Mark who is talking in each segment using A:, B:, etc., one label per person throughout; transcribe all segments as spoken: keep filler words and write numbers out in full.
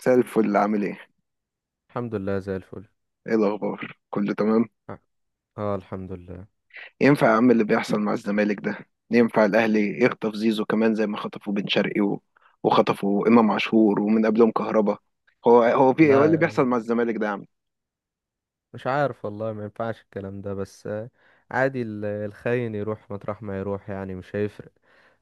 A: مساء الفل عامل ايه؟
B: الحمد لله زي الفل.
A: ايه الأخبار؟ كله تمام؟
B: اه آه، الحمد لله.
A: ينفع يا عم اللي بيحصل مع الزمالك ده؟ ينفع الأهلي يخطف زيزو كمان زي ما خطفوا بن شرقي و... وخطفوا إمام عاشور ومن قبلهم كهربا. هو هو في ايه هو إيه اللي بيحصل
B: لا،
A: مع الزمالك ده يا عم؟
B: مش عارف والله. ما ينفعش الكلام ده، بس آه، عادي. ال- الخاين يروح مطرح ما يروح، يعني مش هيفرق.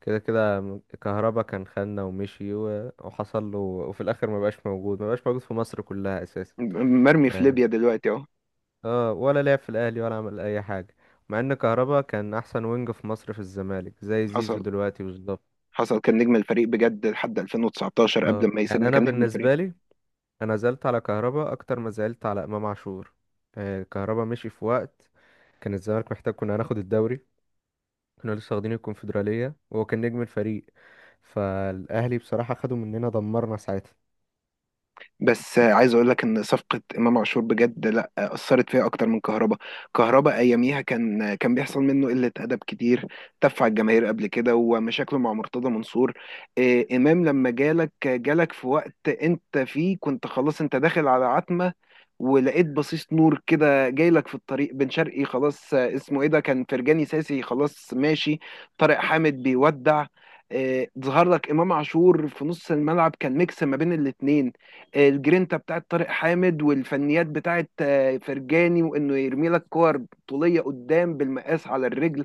B: كده كده م- كهربا كان خاننا ومشي و- وحصل له، وفي الاخر ما بقاش موجود، ما بقاش موجود في مصر كلها اساسا
A: م- مرمي في
B: يعني.
A: ليبيا دلوقتي اهو.
B: اه، ولا لعب في الاهلي ولا عمل اي حاجه، مع ان كهربا كان احسن وينج في مصر في الزمالك زي زيزو
A: حصل.
B: دلوقتي بالظبط.
A: حصل، كان نجم الفريق بجد لحد ألفين وتسعتاشر، قبل
B: اه
A: ما
B: يعني
A: يسيبنا
B: انا
A: كان نجم الفريق.
B: بالنسبه لي، انا زعلت على كهربا اكتر ما زعلت على امام عاشور. آه، كهربا مشي في وقت كان الزمالك محتاج، كنا هناخد الدوري، كنا لسه واخدين الكونفدرالية وهو كان نجم الفريق. فالاهلي بصراحة خدوا مننا، دمرنا ساعتها.
A: بس آه، عايز اقول لك ان صفقه امام عاشور بجد، لا آه، اثرت فيها اكتر من كهربا. كهربا اياميها كان آه، كان بيحصل منه قله ادب كتير، تف على الجماهير قبل كده، ومشاكله مع مرتضى منصور. آه، امام لما جالك آه، جالك في وقت انت فيه كنت خلاص، انت داخل على عتمه، ولقيت بصيص نور كده جاي لك في الطريق. بن شرقي خلاص، آه، اسمه ايه ده، كان فرجاني ساسي خلاص ماشي، طارق حامد بيودع. آه، ظهر لك امام عاشور في نص الملعب، كان ميكس ما بين الاتنين، الجرينتا بتاعت طارق حامد والفنيات بتاعت آه، فرجاني، وانه يرمي لك كور طوليه قدام بالمقاس على الرجل.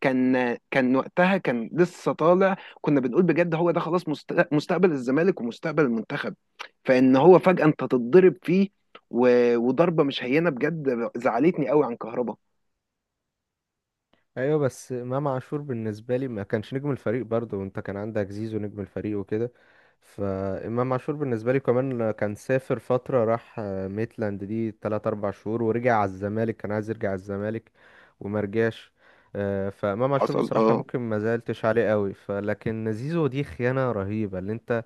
A: كان آه، كان وقتها كان لسه طالع، كنا بنقول بجد هو ده خلاص، مست- مستقبل الزمالك ومستقبل المنتخب. فان هو فجاه انت تتضرب فيه، و- وضربه مش هينه بجد، زعلتني قوي عن كهربا.
B: ايوه، بس امام عاشور بالنسبه لي ما كانش نجم الفريق برضه، وانت كان عندك زيزو نجم الفريق وكده. فامام عاشور بالنسبه لي كمان كان سافر فتره، راح آه، ميتلاند دي تلاتة اربعة شهور، ورجع على الزمالك، كان عايز يرجع على الزمالك وما رجعش. آه، فامام عاشور
A: حصل،
B: بصراحه
A: اه.
B: ممكن ما زعلتش عليه قوي، فلكن زيزو دي خيانه رهيبه، اللي انت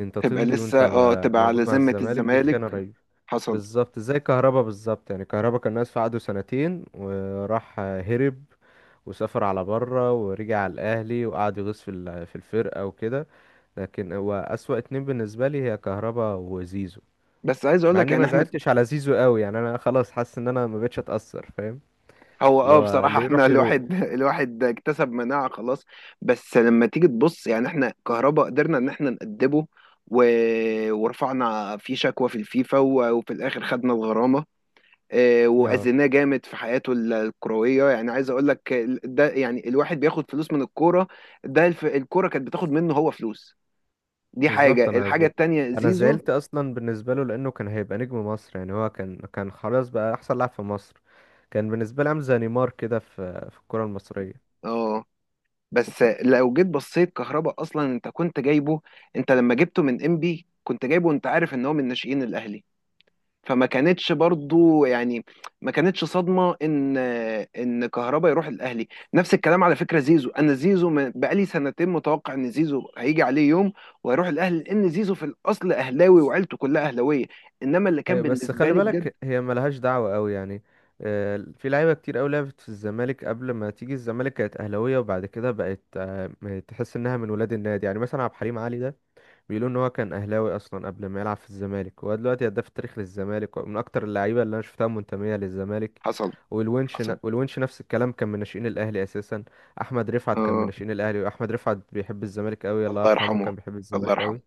B: انت
A: تبقى
B: تمضي وانت
A: لسه اه
B: ما-
A: تبقى على
B: موجود مع
A: ذمه
B: الزمالك، دي
A: الزمالك.
B: خيانه رهيبه.
A: حصل.
B: بالظبط زي كهربا بالظبط. يعني كهربا كان ناقص في عقده سنتين وراح هرب وسافر على بره، ورجع على الاهلي وقعد يغيظ في ال- في الفرقه وكده. لكن هو اسوأ اتنين بالنسبه لي هي كهربا وزيزو،
A: بس عايز اقول
B: مع
A: لك
B: اني
A: يعني
B: ما
A: احنا،
B: زعلتش على زيزو قوي يعني. انا خلاص حاسس ان انا ما بقتش اتاثر، فاهم؟
A: هو
B: اللي
A: اه
B: هو
A: بصراحة
B: اللي يروح
A: احنا
B: يروح.
A: الواحد الواحد اكتسب مناعة خلاص. بس لما تيجي تبص يعني احنا كهربا قدرنا ان احنا نأدبه، و... ورفعنا فيه شكوى في الفيفا، و... وفي الاخر خدنا الغرامة، اه،
B: اه
A: وأذيناه جامد في حياته ال- الكروية. يعني عايز اقول لك ال- ده، يعني الواحد بياخد فلوس من الكورة، ده الف... الكورة كانت بتاخد منه هو فلوس. دي
B: بالظبط.
A: حاجة.
B: انا
A: الحاجة
B: ز...
A: التانية
B: انا
A: زيزو،
B: زعلت اصلا بالنسبه له لانه كان هيبقى نجم مصر. يعني هو كان كان خلاص بقى احسن لاعب في مصر، كان بالنسبه لي عامل زي نيمار كده في في الكره المصريه.
A: اه. بس لو جيت بصيت كهربا اصلا انت كنت جايبه، انت لما جبته من انبي كنت جايبه، انت عارف ان هو من ناشئين الاهلي، فما كانتش برضو يعني، ما كانتش صدمة ان، ان كهربا يروح الاهلي. نفس الكلام على فكرة زيزو، انا زيزو من- بقالي سنتين متوقع ان زيزو هيجي عليه يوم وهيروح الاهلي، لان زيزو في الاصل اهلاوي وعيلته كلها اهلاوية. انما اللي كان
B: أيوة، بس
A: بالنسبة
B: خلي
A: لي بجد،
B: بالك هي ملهاش دعوة قوي يعني. آه، في لعيبة كتير قوي لعبت في الزمالك، قبل ما تيجي الزمالك كانت أهلاوية، وبعد كده بقت آه، م- تحس إنها من ولاد النادي. يعني مثلا عبد الحليم علي ده بيقولوا إن هو كان أهلاوي أصلا قبل ما يلعب في الزمالك، وهو دلوقتي هداف التاريخ للزمالك ومن أكتر اللعيبة اللي أنا شفتها منتمية للزمالك.
A: حصل.
B: والونش ن-
A: حصل،
B: والونش نفس الكلام، كان من ناشئين الأهلي أساسا. أحمد رفعت كان من
A: اه.
B: ناشئين الأهلي، وأحمد رفعت بيحب الزمالك قوي،
A: الله
B: الله يرحمه،
A: يرحمه.
B: كان بيحب
A: الله
B: الزمالك
A: يرحمه.
B: قوي.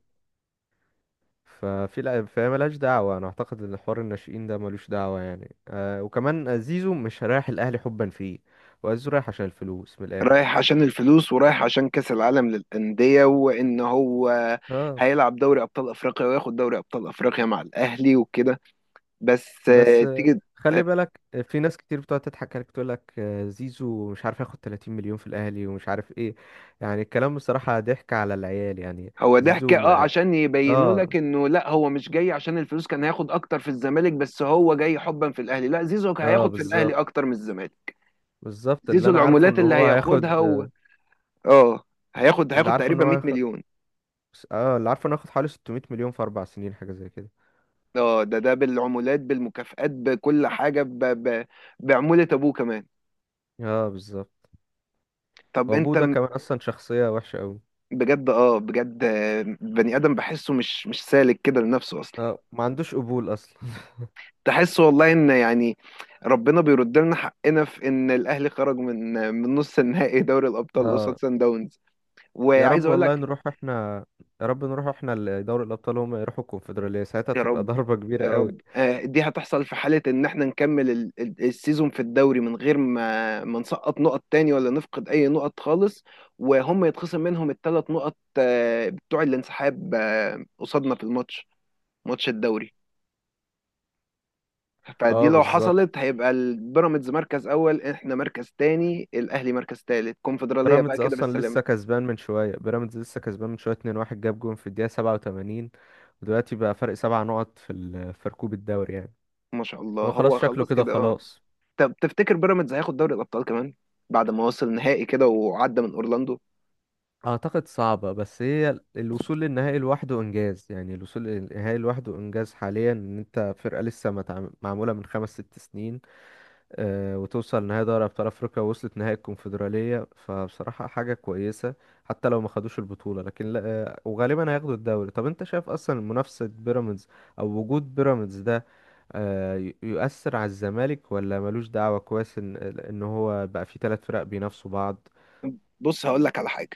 B: ففي لا فهي ملهاش دعوة. أنا أعتقد إن حوار الناشئين ده ملوش دعوة يعني. آه، وكمان زيزو مش رايح الأهلي حبا فيه، وزيزو رايح عشان الفلوس من الآخر.
A: رايح عشان الفلوس، ورايح عشان كأس العالم للأندية، وإن هو
B: اه
A: هيلعب دوري أبطال أفريقيا وياخد دوري أبطال أفريقيا مع الأهلي وكده. بس
B: بس
A: آه،
B: آه
A: تيجي.
B: خلي
A: آه،
B: بالك، آه، في ناس كتير بتقعد تضحك عليك تقول لك آه زيزو مش عارف ياخد تلاتين مليون في الأهلي ومش عارف إيه. يعني الكلام بصراحة ضحك على العيال يعني.
A: هو ضحك،
B: زيزو
A: اه،
B: ما
A: عشان يبينوا
B: اه
A: لك انه لا هو مش جاي عشان الفلوس، كان هياخد اكتر في الزمالك بس هو جاي حبا في الاهلي. لا، زيزو
B: اه
A: هياخد في الاهلي
B: بالظبط.
A: اكتر من الزمالك.
B: بالظبط اللي
A: زيزو
B: أنا عارفه
A: العمولات
B: إن
A: اللي
B: هو
A: هياخدها
B: هياخد،
A: و... اه، هياخد
B: اللي
A: هياخد
B: عارفه إن
A: تقريبا
B: هو
A: 100
B: هياخد
A: مليون.
B: اه، اللي عارفه إنه هياخد حوالي ستمية مليون في أربع سنين، حاجة زي كده.
A: اه، ده ده بالعمولات بالمكافآت بكل حاجة، ب... ب... بعمولة ابوه كمان.
B: اه بالظبط.
A: طب
B: وابوه
A: انت
B: ده كمان اصلا شخصية وحشة قوي.
A: بجد، اه بجد، آه، بني ادم بحسه مش مش سالك كده لنفسه اصلا.
B: اه ما عندوش قبول اصلا
A: تحس والله ان يعني ربنا بيرد لنا حقنا في ان الاهلي خرج من من نص النهائي دوري الابطال قصاد
B: اه،
A: سان داونز.
B: يا
A: وعايز
B: رب
A: اقول
B: والله
A: لك،
B: نروح احنا، يا رب نروح احنا لدوري الابطال، هم يروحوا الكونفدرالية، ساعتها
A: يا
B: تبقى
A: رب.
B: ضربة كبيرة
A: يا
B: قوي.
A: رب آه، دي هتحصل في حاله ان احنا نكمل ال- ال- السيزون في الدوري، من غير ما ما نسقط نقط تاني، ولا نفقد اي نقط خالص، وهم يتخصم منهم الثلاث نقط آه، بتوع الانسحاب آه، قصادنا في الماتش، ماتش الدوري. فدي
B: اه
A: لو
B: بالظبط.
A: حصلت هيبقى البيراميدز مركز اول، احنا مركز تاني، الاهلي مركز تالت، كونفدراليه بقى
B: بيراميدز
A: كده
B: اصلا
A: بالسلامه.
B: لسه كسبان من شوية، بيراميدز لسه كسبان من شوية اتنين واحد، جاب جون في الدقيقة سبعة وتمانين، ودلوقتي بقى فرق سبع نقط في ال- في ركوب الدوري يعني.
A: ما شاء الله
B: هو خلاص
A: هو
B: شكله
A: خلاص
B: كده
A: كده، اه.
B: خلاص.
A: طب تفتكر بيراميدز هياخد دوري الابطال كمان بعد ما وصل نهائي كده وعدى من اورلاندو؟
B: اعتقد صعبة، بس هي الوصول للنهائي لوحده انجاز. يعني الوصول للنهائي لوحده انجاز حاليا، ان انت فرقة لسه ما اتعم- معمولة من خمس ست سنين، آه، وتوصل نهائي دوري ابطال افريقيا ووصلت نهائي الكونفدرالية، فبصراحة حاجة كويسة. حتى لو ما خدوش البطولة لكن لا، آه، وغالبا هياخدوا الدوري. طب انت شايف اصلا منافسة بيراميدز او وجود بيراميدز ده آه، ي- يؤثر على الزمالك ولا ملوش دعوة؟ كويس ان ان هو بقى فيه ثلاث فرق بينافسوا بعض.
A: بص هقول لك على حاجه،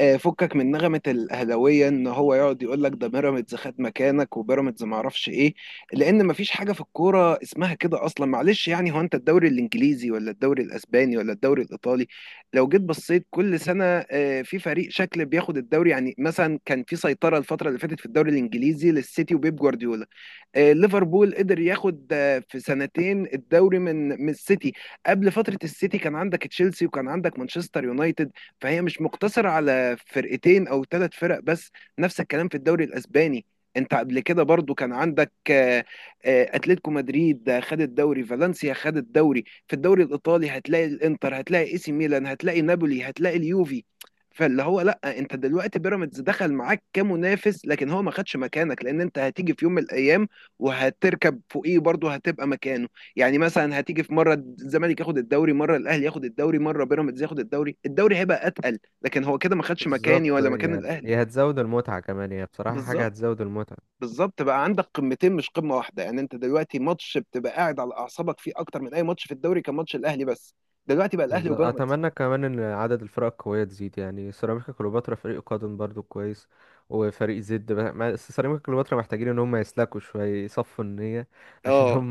A: آه، فكك من نغمة الأهلاوية، إن هو يقعد يقول لك ده بيراميدز خد مكانك، وبيراميدز ما اعرفش إيه، لأن مفيش حاجة في الكورة اسمها كده أصلا. معلش يعني، هو أنت الدوري الإنجليزي ولا الدوري الأسباني ولا الدوري الإيطالي لو جيت بصيت كل سنة آه، في فريق شكل بياخد الدوري. يعني مثلا كان في سيطرة الفترة اللي فاتت في الدوري الإنجليزي للسيتي وبيب جوارديولا، آه، ليفربول قدر ياخد آه، في سنتين الدوري من من السيتي. قبل فترة السيتي كان عندك تشيلسي، وكان عندك مانشستر يونايتد، فهي مش مقتصرة على فرقتين او ثلاث فرق بس. نفس الكلام في الدوري الاسباني، انت قبل كده برضو كان عندك آه، آه، اتلتيكو مدريد آه، خد الدوري، فالنسيا خد الدوري. في الدوري الايطالي هتلاقي الانتر، هتلاقي اي سي ميلان، هتلاقي نابولي، هتلاقي اليوفي. فاللي هو لا، انت دلوقتي بيراميدز دخل معاك كمنافس، لكن هو ما خدش مكانك، لان انت هتيجي في يوم من الايام وهتركب فوقيه برضه، هتبقى مكانه. يعني مثلا هتيجي في مره الزمالك ياخد الدوري، مره الاهلي ياخد الدوري، مره بيراميدز ياخد الدوري، الدوري هيبقى اتقل، لكن هو كده ما خدش مكاني
B: بالظبط،
A: ولا مكان
B: هي
A: الاهلي.
B: هي هتزود المتعة كمان، هي بصراحة حاجة
A: بالظبط.
B: هتزود المتعة.
A: بالظبط، بقى عندك قمتين مش قمه واحده. يعني انت دلوقتي ماتش بتبقى قاعد على اعصابك فيه اكتر من اي ماتش، في الدوري كان ماتش الاهلي بس، دلوقتي بقى الاهلي
B: بالظبط
A: وبيراميدز.
B: أتمنى كمان إن عدد الفرق القوية تزيد. يعني سيراميكا كليوباترا فريق قادم برضو كويس، وفريق زد بقى- ما- بس سيراميكا كليوباترا محتاجين إن هم يسلكوا شوية، يصفوا النية عشان
A: اه.
B: هم،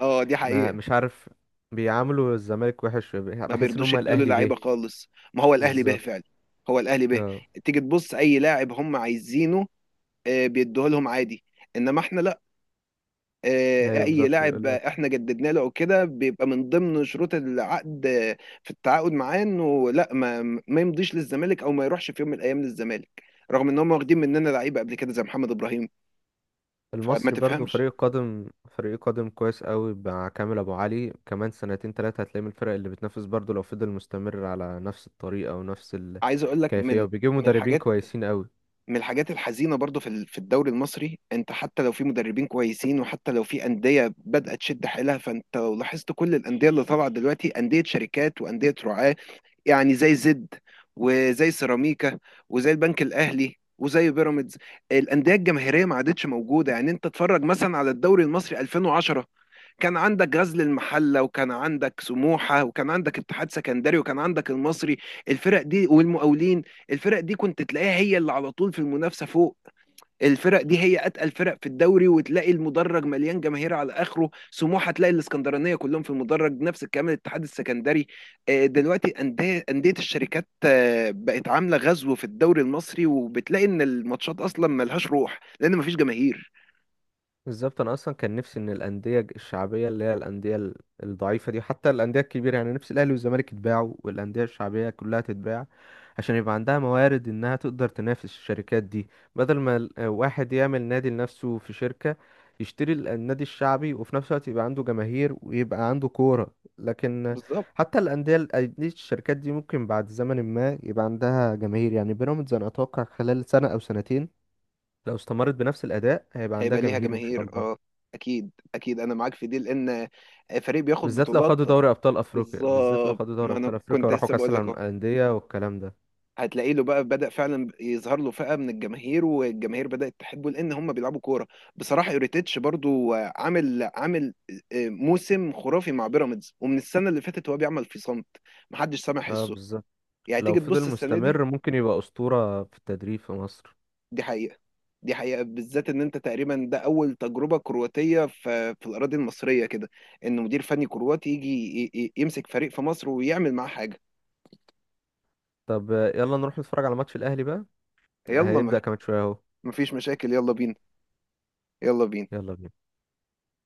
A: اه دي
B: ما
A: حقيقه.
B: مش عارف، بيعاملوا الزمالك وحش،
A: ما
B: بحس إن
A: بيرضوش
B: هم
A: يدوا له
B: الأهلي به.
A: لعيبه خالص، ما هو الاهلي به
B: بالظبط.
A: فعلا. هو الاهلي به.
B: اه
A: تيجي تبص اي لاعب هم عايزينه آه، بيدوه لهم عادي. انما احنا لا. آه،
B: أيوه
A: اي
B: بالظبط.
A: لاعب احنا جددنا له او كده، بيبقى من ضمن شروط العقد آه، في التعاقد معاه، انه لا ما ما يمضيش للزمالك، او ما يروحش في يوم من الايام للزمالك، رغم ان هم واخدين مننا لعيبه قبل كده زي محمد ابراهيم. فما
B: المصري برضو
A: تفهمش.
B: فريق القدم، فريق قدم كويس قوي مع كامل ابو علي، كمان سنتين تلاتة هتلاقي من الفرق اللي بتنافس برضو، لو فضل مستمر على نفس الطريقة ونفس
A: عايز اقول لك
B: الكيفية،
A: من،
B: وبيجيبوا
A: من
B: مدربين
A: الحاجات،
B: كويسين قوي.
A: من الحاجات الحزينه برضو في ال- في الدوري المصري، انت حتى لو في مدربين كويسين، وحتى لو في انديه بدات تشد حيلها، فانت لو لاحظت كل الانديه اللي طالعه دلوقتي انديه شركات وانديه رعاه، يعني زي زد، وزي سيراميكا، وزي البنك الاهلي، وزي بيراميدز. الانديه الجماهيريه ما عادتش موجوده. يعني انت تتفرج مثلا على الدوري المصري ألفين وعشرة، كان عندك غزل المحله، وكان عندك سموحه، وكان عندك اتحاد سكندري، وكان عندك المصري، الفرق دي والمقاولين، الفرق دي كنت تلاقيها هي اللي على طول في المنافسه فوق. الفرق دي هي اتقل فرق في الدوري، وتلاقي المدرج مليان جماهير على اخره، سموحه تلاقي الاسكندرانيه كلهم في المدرج، نفس الكلام الاتحاد السكندري. آه، دلوقتي انديه، انديه الشركات آه، بقت عامله غزو في الدوري المصري، وبتلاقي ان الماتشات اصلا ملهاش روح لان مفيش جماهير.
B: بالظبط انا اصلا كان نفسي ان الانديه الشعبيه، اللي هي الانديه ال- الضعيفه دي، حتى الانديه الكبيره يعني، نفسي الاهلي والزمالك يتباعوا والانديه الشعبيه كلها تتباع، عشان يبقى عندها موارد انها تقدر تنافس الشركات دي. بدل ما ال- واحد يعمل نادي لنفسه في شركه، يشتري ال- النادي الشعبي، وفي نفس الوقت يبقى عنده جماهير ويبقى عنده كوره. لكن
A: بالظبط.
B: حتى الانديه ال- أندية الشركات دي ممكن بعد زمن ما يبقى عندها جماهير. يعني بيراميدز انا اتوقع خلال سنه او سنتين، لو استمرت بنفس الاداء، هيبقى عندها
A: هيبقى ليها
B: جماهير ان شاء
A: جماهير
B: الله.
A: اه. اكيد، اكيد، انا معاك في دي، لان آه، فريق بياخد
B: بالذات لو
A: بطولات.
B: خدوا دوري ابطال افريقيا، بالذات لو
A: بالظبط،
B: خدوا دوري
A: ما انا
B: ابطال افريقيا
A: كنت
B: وراحوا
A: لسه
B: كاس
A: بقول لك،
B: العالم للانديه والكلام ده.
A: هتلاقي له بقى بدأ فعلا يظهر له فئة من الجماهير، والجماهير بدأت تحبه لأن هم بيلعبوا كورة. بصراحة يوريتيتش برضو عامل، عامل آه، موسم خرافي مع بيراميدز، ومن السنة اللي فاتت هو بيعمل في صمت محدش سامع
B: اه
A: حسه.
B: بالظبط،
A: يعني
B: لو
A: تيجي
B: فضل
A: تبص السنة دي،
B: مستمر ممكن يبقى اسطوره في التدريب في مصر.
A: دي حقيقة. دي حقيقة، بالذات إن أنت تقريبا ده أول تجربة كرواتية في, في الأراضي المصرية كده، إن مدير فني كرواتي يجي ي- ي- يمسك فريق في مصر ويعمل معاه حاجة.
B: طب آه، يلا نروح نتفرج على ماتش الاهلي بقى،
A: يلا
B: هيبدا
A: ما-
B: كمان شويه اهو.
A: مفيش مشاكل، يلا بينا. يلا بينا.
B: يلا بينا.